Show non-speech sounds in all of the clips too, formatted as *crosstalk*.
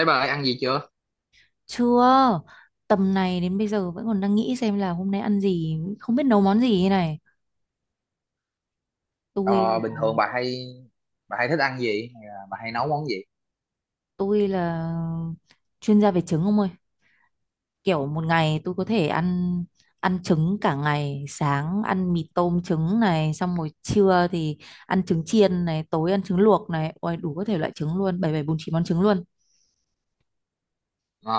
Ê bà ơi, ăn gì chưa? Chưa, tầm này đến bây giờ vẫn còn đang nghĩ xem là hôm nay ăn gì, không biết nấu món gì thế này. Tôi Ờ, bình thường bà hay thích ăn gì? Hay là bà hay nấu món gì? tôi là chuyên gia về trứng ông ơi. Kiểu một ngày tôi có thể ăn ăn trứng cả ngày, sáng ăn mì tôm trứng này, xong rồi trưa thì ăn trứng chiên này, tối ăn trứng luộc này, ôi đủ các thể loại trứng luôn, bảy bảy bốn chín món trứng luôn. Ờ,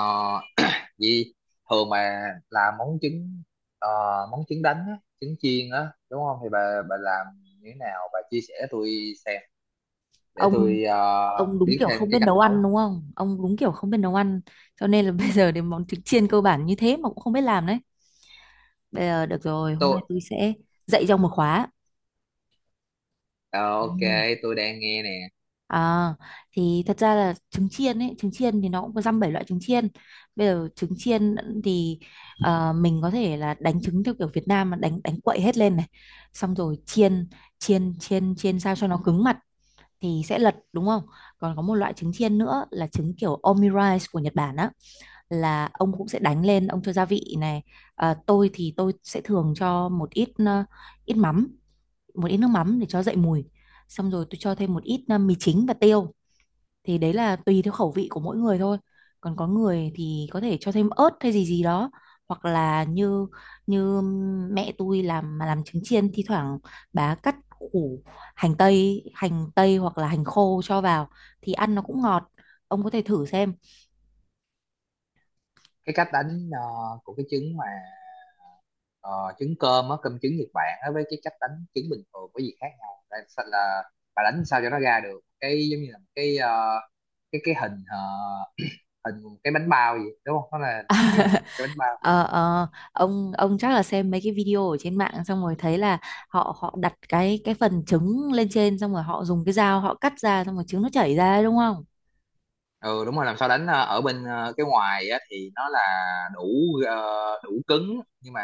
gì thường mà làm món trứng, ờ, món trứng đánh á, trứng chiên á, đúng không? Thì bà làm như thế nào? Bà chia sẻ tôi xem để Ông tôi ông đúng biết kiểu thêm không biết cái cách nấu ăn nấu. đúng không? Ông đúng kiểu không biết nấu ăn, cho nên là *laughs* bây giờ đến món trứng chiên cơ bản như thế mà cũng không biết làm đấy. Bây giờ được rồi, hôm tôi nay tôi sẽ dạy trong một khóa. ờ, ok, Ừ. tôi đang nghe nè. À, thì thật ra là trứng chiên ấy, trứng chiên thì nó cũng có dăm bảy loại trứng chiên. Bây giờ trứng chiên thì mình có thể là đánh trứng theo kiểu Việt Nam mà đánh đánh quậy hết lên này. Xong rồi chiên chiên chiên chiên sao cho nó cứng mặt thì sẽ lật đúng không? Còn có một loại trứng chiên nữa là trứng kiểu omurice của Nhật Bản á, là ông cũng sẽ đánh lên, ông cho gia vị này. À, tôi thì tôi sẽ thường cho một ít ít mắm, một ít nước mắm để cho dậy mùi, xong rồi tôi cho thêm một ít mì chính và tiêu, thì đấy là tùy theo khẩu vị của mỗi người thôi, còn có người thì có thể cho thêm ớt hay gì gì đó, hoặc là như như mẹ tôi làm, mà làm trứng chiên thi thoảng bà cắt củ hành tây hoặc là hành khô cho vào thì ăn nó cũng ngọt, ông có thể thử xem. Cái cách đánh, của cái trứng mà, Ờ, trứng cơm á, cơm trứng Nhật Bản á, với cái cách đánh trứng bình thường có gì khác nhau? Là, là bà đánh sao cho nó ra được cái giống như là một cái, cái hình, hình cái bánh bao gì đúng không? Nó là cái, cái bánh bao. Ờ, ờ, ông chắc là xem mấy cái video ở trên mạng xong rồi thấy là họ họ đặt cái phần trứng lên trên xong rồi họ dùng cái dao họ cắt ra xong rồi trứng nó chảy ra ấy, đúng không? Ừ, đúng rồi. Làm sao đánh ở bên, cái ngoài á, thì nó là đủ, ờ, đủ cứng nhưng mà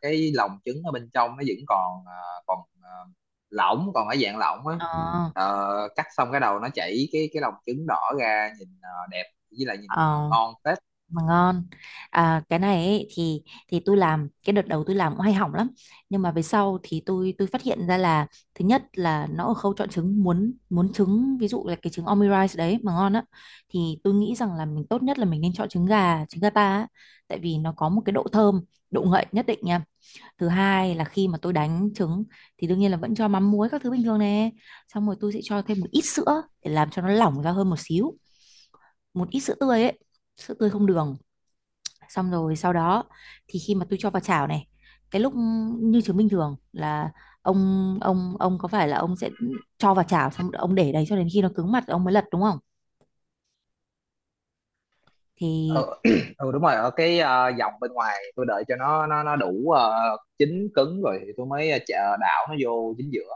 cái lòng trứng ở bên trong nó vẫn còn, lỏng, còn ở dạng lỏng á. Ờ, ừ. Ờ, cắt xong cái đầu nó chảy cái lòng trứng đỏ ra, nhìn đẹp, với lại nhìn Ờ, ngon phết. mà ngon. À, cái này ấy, thì tôi làm cái đợt đầu tôi làm cũng hay hỏng lắm, nhưng mà về sau thì tôi phát hiện ra là thứ nhất là nó ở khâu chọn trứng, muốn muốn trứng ví dụ là cái trứng omurice đấy mà ngon á, thì tôi nghĩ rằng là mình tốt nhất là mình nên chọn trứng gà, trứng gà ta á, tại vì nó có một cái độ thơm, độ ngậy nhất định nha. Thứ hai là khi mà tôi đánh trứng thì đương nhiên là vẫn cho mắm muối các thứ bình thường nè, xong rồi tôi sẽ cho thêm một ít sữa để làm cho nó lỏng ra hơn một xíu, một ít sữa tươi ấy, sữa tươi không đường, xong rồi sau đó thì khi mà tôi cho vào chảo này, cái lúc như trứng bình thường là, ông có phải là ông sẽ cho vào chảo xong ông để đấy cho đến khi nó cứng mặt ông mới lật đúng không, thì Ừ, *clears throat* ừ đúng rồi, ở cái, dòng bên ngoài, tôi đợi cho nó đủ, chín cứng rồi thì tôi mới, đảo nó vô chính giữa.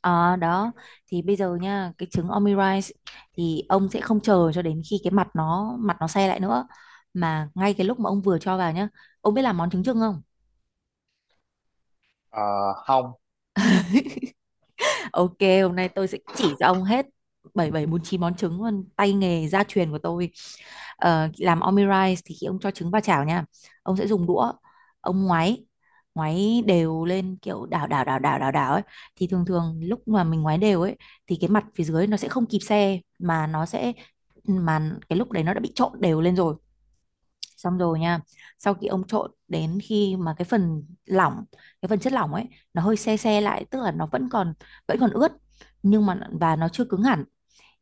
à, đó, thì bây giờ nha, cái trứng omurice thì ông sẽ không chờ cho đến khi cái mặt nó, mặt nó xe lại nữa, mà ngay cái lúc mà ông vừa cho vào nhá, ông biết làm món trứng chưng không? Ờ, Không. Ok, hôm nay tôi sẽ chỉ cho ông hết bảy bảy bốn chín món trứng luôn, tay nghề gia truyền của tôi. Ờ, làm omurice thì khi ông cho trứng vào chảo nha, ông sẽ dùng đũa, ông ngoáy, ngoáy đều lên kiểu đảo đảo đảo đảo đảo đảo ấy, thì thường thường lúc mà mình ngoáy đều ấy thì cái mặt phía dưới nó sẽ không kịp xe mà nó sẽ mà cái lúc đấy nó đã bị trộn đều lên rồi, xong rồi nha, sau khi ông trộn đến khi mà cái phần lỏng, cái phần chất lỏng ấy, nó hơi se se lại, tức là nó vẫn còn ướt nhưng mà và nó chưa cứng hẳn,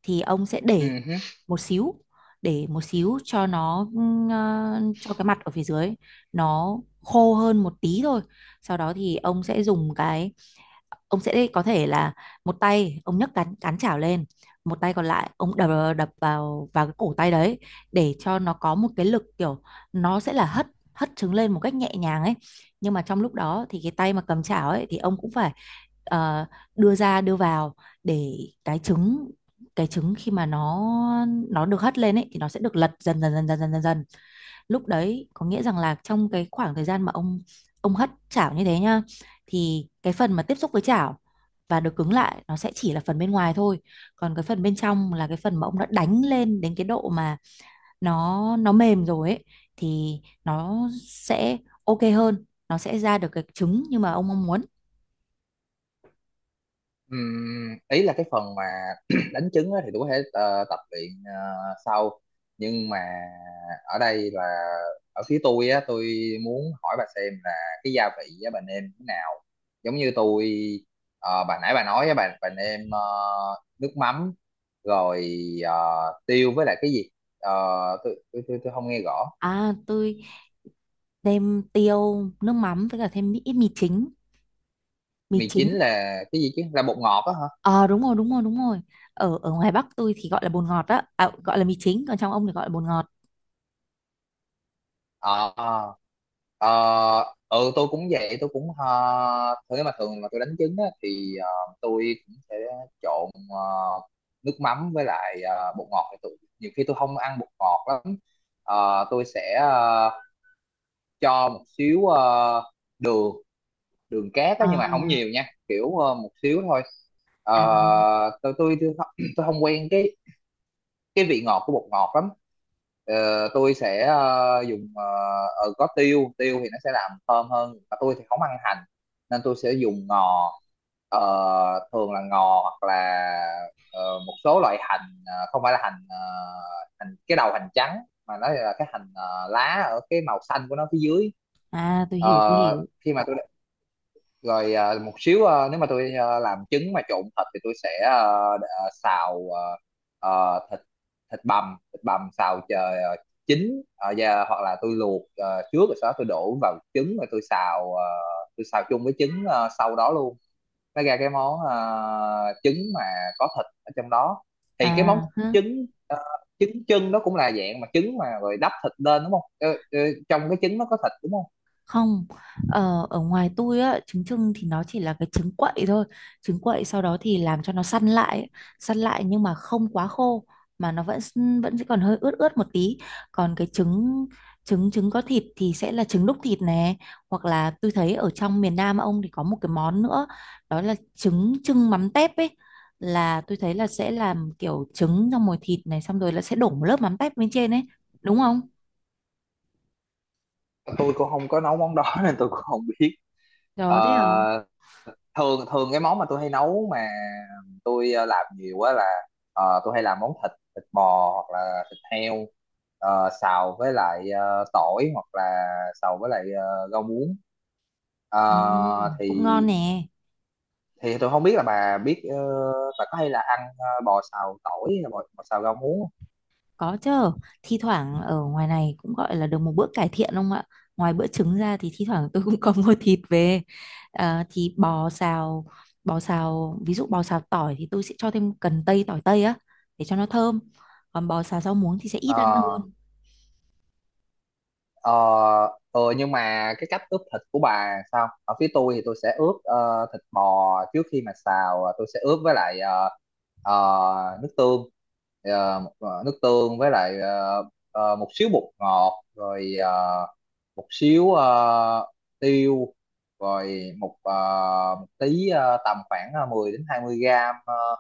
thì ông sẽ Ừ, để hứ. một xíu, để một xíu cho nó cho cái mặt ở phía dưới nó khô hơn một tí thôi, sau đó thì ông sẽ có thể là một tay ông nhấc cán cán chảo lên, một tay còn lại ông đập, đập vào vào cái cổ tay đấy, để cho nó có một cái lực, kiểu nó sẽ là hất, hất trứng lên một cách nhẹ nhàng ấy, nhưng mà trong lúc đó thì cái tay mà cầm chảo ấy thì ông cũng phải ờ, đưa ra đưa vào để cái trứng cái trứng khi mà nó được hất lên ấy thì nó sẽ được lật dần dần, lúc đấy có nghĩa rằng là trong cái khoảng thời gian mà ông hất chảo như thế nhá, thì cái phần mà tiếp xúc với chảo và được cứng lại nó sẽ chỉ là phần bên ngoài thôi, còn cái phần bên trong là cái phần mà ông đã đánh lên đến cái độ mà nó mềm rồi ấy, thì nó sẽ ok hơn, nó sẽ ra được cái trứng như mà ông mong muốn. Ừm, ý là cái phần mà *clears throat* đánh trứng á thì tôi có thể tập luyện sau. Nhưng mà ở đây là, ở phía tôi á, tôi muốn hỏi bà xem là cái gia vị á bà nêm thế nào? Giống như tôi, bà nãy bà nói á, bà nêm nước mắm, rồi ờ, tiêu với lại cái gì? Ờ, tôi không nghe rõ. À, tôi thêm tiêu nước mắm với cả thêm ít mì chính, mì Mì chính. chính là cái gì chứ, là bột ngọt á hả? Ờ, đúng rồi, đúng rồi, đúng rồi, ở ở ngoài Bắc tôi thì gọi là bồn ngọt đó, à, gọi là mì chính, còn trong ông thì gọi là bồn ngọt. Ờ, ờ. Ờ, ừ, tôi cũng vậy, tôi cũng thường mà tôi đánh trứng á, thì tôi cũng sẽ trộn nước mắm với lại bột ngọt, thì tôi nhiều khi tôi không ăn bột ngọt lắm. Tôi sẽ cho một xíu đường, đường cát á, nhưng mà không À, nhiều nha, kiểu một xíu thôi. Ờ, à, tôi *clears throat* không quen cái, vị ngọt của bột ngọt lắm. Tôi sẽ dùng, có tiêu. Tiêu thì nó sẽ làm thơm hơn, mà tôi thì không ăn hành nên tôi sẽ dùng ngò. Ờ, Thường là ngò, hoặc là ờ, một số loại hành, không phải là hành, hành cái đầu hành trắng, mà nó là cái hành, lá, ở cái màu xanh của nó phía dưới. à tôi hiểu, tôi hiểu. Khi mà tôi, rồi một xíu, nếu mà tôi làm trứng mà trộn thịt thì tôi sẽ, xào, thịt, thịt bằm xào chờ à, chín, và hoặc là tôi luộc trước, rồi sau đó tôi đổ vào trứng rồi tôi xào, tôi xào chung với trứng sau đó luôn, nó ra cái món, trứng mà có thịt ở trong đó. À, Thì cái món hứ. trứng, trứng chân đó cũng là dạng mà trứng mà rồi đắp thịt lên, đúng không? Ờ, ờ, trong cái trứng nó có thịt, đúng không? Không, ờ, ở ngoài tôi á, trứng trưng thì nó chỉ là cái trứng quậy thôi. Trứng quậy sau đó thì làm cho nó săn lại, ấy. Săn lại nhưng mà không quá khô mà nó vẫn sẽ còn hơi ướt ướt một tí. Còn cái trứng, trứng có thịt thì sẽ là trứng đúc thịt nè, hoặc là tôi thấy ở trong miền Nam ông thì có một cái món nữa, đó là trứng trưng mắm tép ấy. Là tôi thấy là sẽ làm kiểu trứng trong mồi thịt này xong rồi là sẽ đổ một lớp mắm tép bên trên ấy, đúng không? Tôi cũng không có nấu món đó *laughs* nên tôi cũng không biết. Đó thế hả? Ờ, Thường thường cái món mà tôi hay nấu mà tôi làm nhiều á là tôi hay làm món thịt thịt bò hoặc là thịt heo, xào với lại tỏi, hoặc là xào với lại rau muống. Ừ, Ờ, thì cũng ngon nè. thì tôi không biết là bà biết bà có hay là ăn bò xào tỏi, hay là bò xào rau muống không? Có chứ, thi thoảng ở ngoài này cũng gọi là được một bữa cải thiện không ạ? Ngoài bữa trứng ra thì thi thoảng tôi *laughs* cũng có mua thịt về. À, thì bò xào, ví dụ bò xào tỏi thì tôi sẽ cho thêm cần tây, tỏi tây á, để cho nó thơm. Còn bò xào rau muống thì sẽ ít ăn Ờ, hơn. ờ, ừ, nhưng mà cái cách ướp thịt của bà sao? Ở phía tôi thì tôi sẽ ướp thịt bò trước khi mà xào, tôi sẽ ướp với lại nước tương, nước tương với lại một xíu bột ngọt, rồi một xíu tiêu, rồi một tí, tầm khoảng 10 đến 20 gram ờ,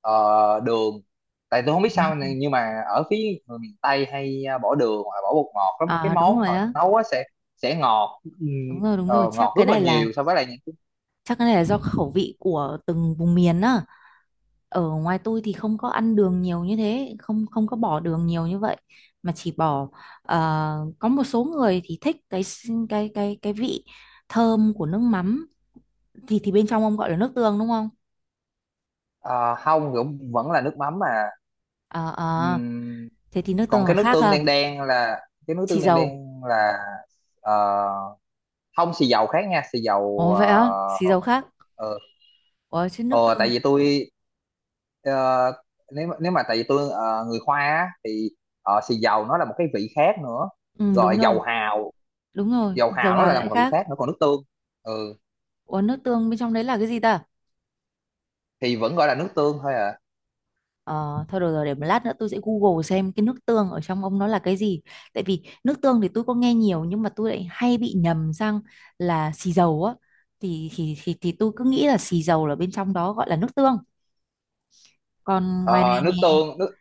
ờ, đường. Tại tôi không biết Ừ. sao này, nhưng mà ở phía người miền Tây hay bỏ đường hoặc là bỏ bột ngọt lắm, cái À đúng món rồi họ á, nấu á sẽ ngọt, đúng rồi, ngọt rất là nhiều so với lại những cái- chắc cái này là do khẩu vị của từng vùng miền á. Ở ngoài tôi thì không có ăn đường nhiều như thế, không không có bỏ đường nhiều như vậy, mà chỉ bỏ ờ, có một số người thì thích cái cái cái vị thơm của nước mắm, thì bên trong ông gọi là nước tương đúng không? Không, cũng vẫn là nước mắm mà. Ờ, ờ, Ừm, thế thì nước còn tương là khác ha, cái nước xì tương đen dầu. đen là ờ, không, xì dầu khác nha, xì dầu, Ồ vậy á, xì dầu khác. ờ, Ủa chứ nước Ờ, tại tương. vì tôi, ờ, nếu nếu mà tại vì tôi người Hoa á, thì xì dầu nó là một cái vị khác nữa, Ừ rồi dầu hào đúng rồi, dầu dầu hào nó lại hào là lại một vị khác. khác nữa, còn nước tương, ừ, Ủa nước tương bên trong đấy là cái gì ta? thì vẫn gọi là nước tương thôi à. Ờ, thôi được rồi, để một lát nữa tôi sẽ Google xem cái nước tương ở trong ông nó là cái gì, tại vì nước tương thì tôi có nghe nhiều nhưng mà tôi lại hay bị nhầm sang là xì dầu á, thì tôi cứ nghĩ là xì dầu là bên trong đó gọi là nước tương, còn ngoài Ờ, này nước nè, tương nước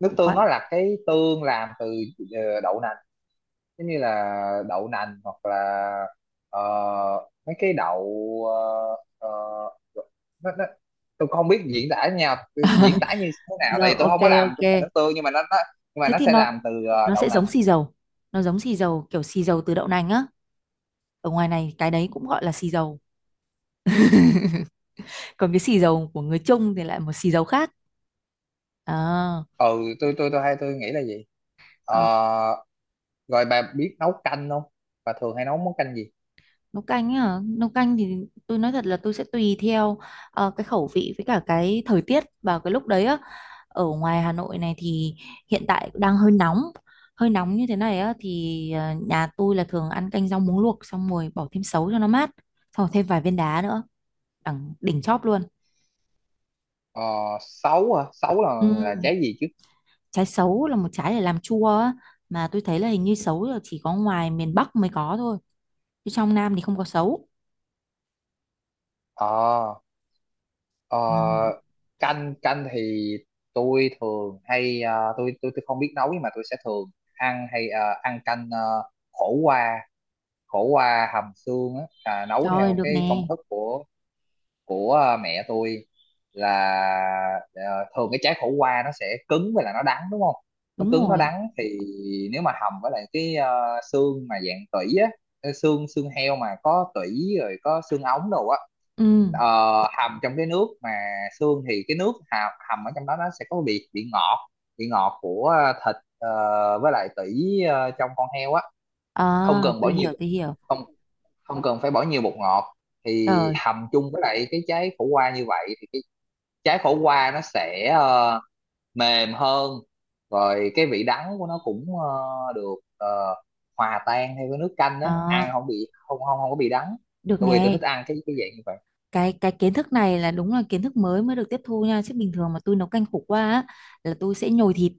nước tương ngoài... nó là cái tương làm từ đậu nành, giống như là đậu nành, hoặc là ờ, mấy cái đậu, ờ, ờ, nó, nó, tôi cũng không biết diễn tả như thế nào, tại rồi, vì tôi ok, không có làm chúng mày ok, nước tương, nhưng mà nó nhưng mà thế nó thì sẽ nó làm từ nó đậu sẽ nành. giống xì dầu, nó giống xì dầu kiểu xì dầu từ đậu nành á, ở ngoài này cái đấy cũng gọi là xì dầu, còn cái xì dầu của người Trung thì lại một xì dầu khác. À, Ừ, tôi nghĩ là gì. ờ. Ờ, Rồi bà biết nấu canh không? Bà thường hay nấu món canh gì? Nấu canh á, nấu canh thì tôi nói thật là tôi sẽ tùy theo cái khẩu vị với cả cái thời tiết vào cái lúc đấy á, ở ngoài Hà Nội này thì hiện tại đang hơi nóng, hơi nóng như thế này á thì nhà tôi là thường ăn canh rau muống luộc xong rồi bỏ thêm sấu cho nó mát, xong rồi thêm vài viên đá nữa, đẳng đỉnh chóp luôn. Ờ, Sấu hả? Sấu là, Ừ. Trái gì chứ? Trái sấu là một trái để làm chua á, mà tôi thấy là hình như sấu là chỉ có ngoài miền Bắc mới có thôi, chứ trong Nam thì không có sấu. Ờ. Ờ, Ừ. canh canh thì tôi thường hay tôi không biết nấu, nhưng mà tôi sẽ thường ăn, hay ăn canh khổ qua, hầm xương á, nấu Trời, theo được cái công nè. thức của mẹ tôi. Là thường cái trái khổ qua nó sẽ cứng với lại nó đắng, đúng không? Nó Đúng cứng, nó rồi. đắng thì nếu mà hầm với lại cái, xương mà dạng tủy á, cái xương, xương heo mà có tủy rồi có xương ống đồ á, Ừ. ờ, hầm trong cái nước mà xương, thì cái nước hầm, hầm ở trong đó nó sẽ có vị, ngọt, vị ngọt của thịt với lại tủy trong con heo á, Ờ, không cần bỏ tôi nhiều, hiểu, tôi hiểu. không không cần phải bỏ nhiều bột ngọt. Thì Rồi, hầm chung với lại cái trái khổ qua như vậy thì cái trái khổ qua nó sẽ mềm hơn, rồi cái vị đắng của nó cũng được hòa tan theo cái nước canh á, ăn ờ, không bị không không không có bị đắng. được Tôi vì tôi thích nè. ăn cái dạng như vậy. Cái kiến thức này là đúng là kiến thức mới, mới được tiếp thu nha, chứ bình thường mà tôi nấu canh khổ qua á, là tôi sẽ nhồi thịt,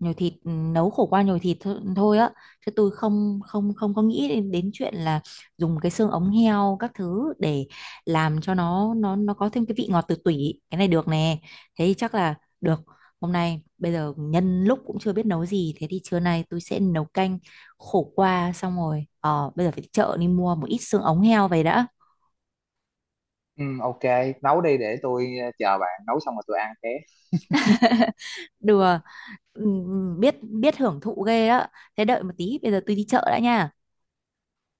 nhồi thịt, ừ, nấu khổ qua nhồi thịt thôi, thôi á, chứ tôi không không không có nghĩ đến, đến chuyện là dùng cái xương ống heo các thứ để làm cho nó nó có thêm cái vị ngọt từ tủy, cái này được nè, thế thì chắc là được, hôm nay bây giờ nhân lúc cũng chưa biết nấu gì, thế thì trưa nay tôi sẽ nấu canh khổ qua, xong rồi bây giờ phải đi chợ đi mua một ít xương ống heo về đã. Ừ, ok, nấu đi để tôi chờ bạn nấu xong rồi tôi ăn ké. Đùa. Biết biết hưởng thụ ghê đó, thế đợi một tí bây giờ tôi đi chợ đã nha.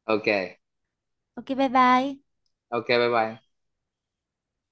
Ok. Ok, bye bye. Ok, bye bye.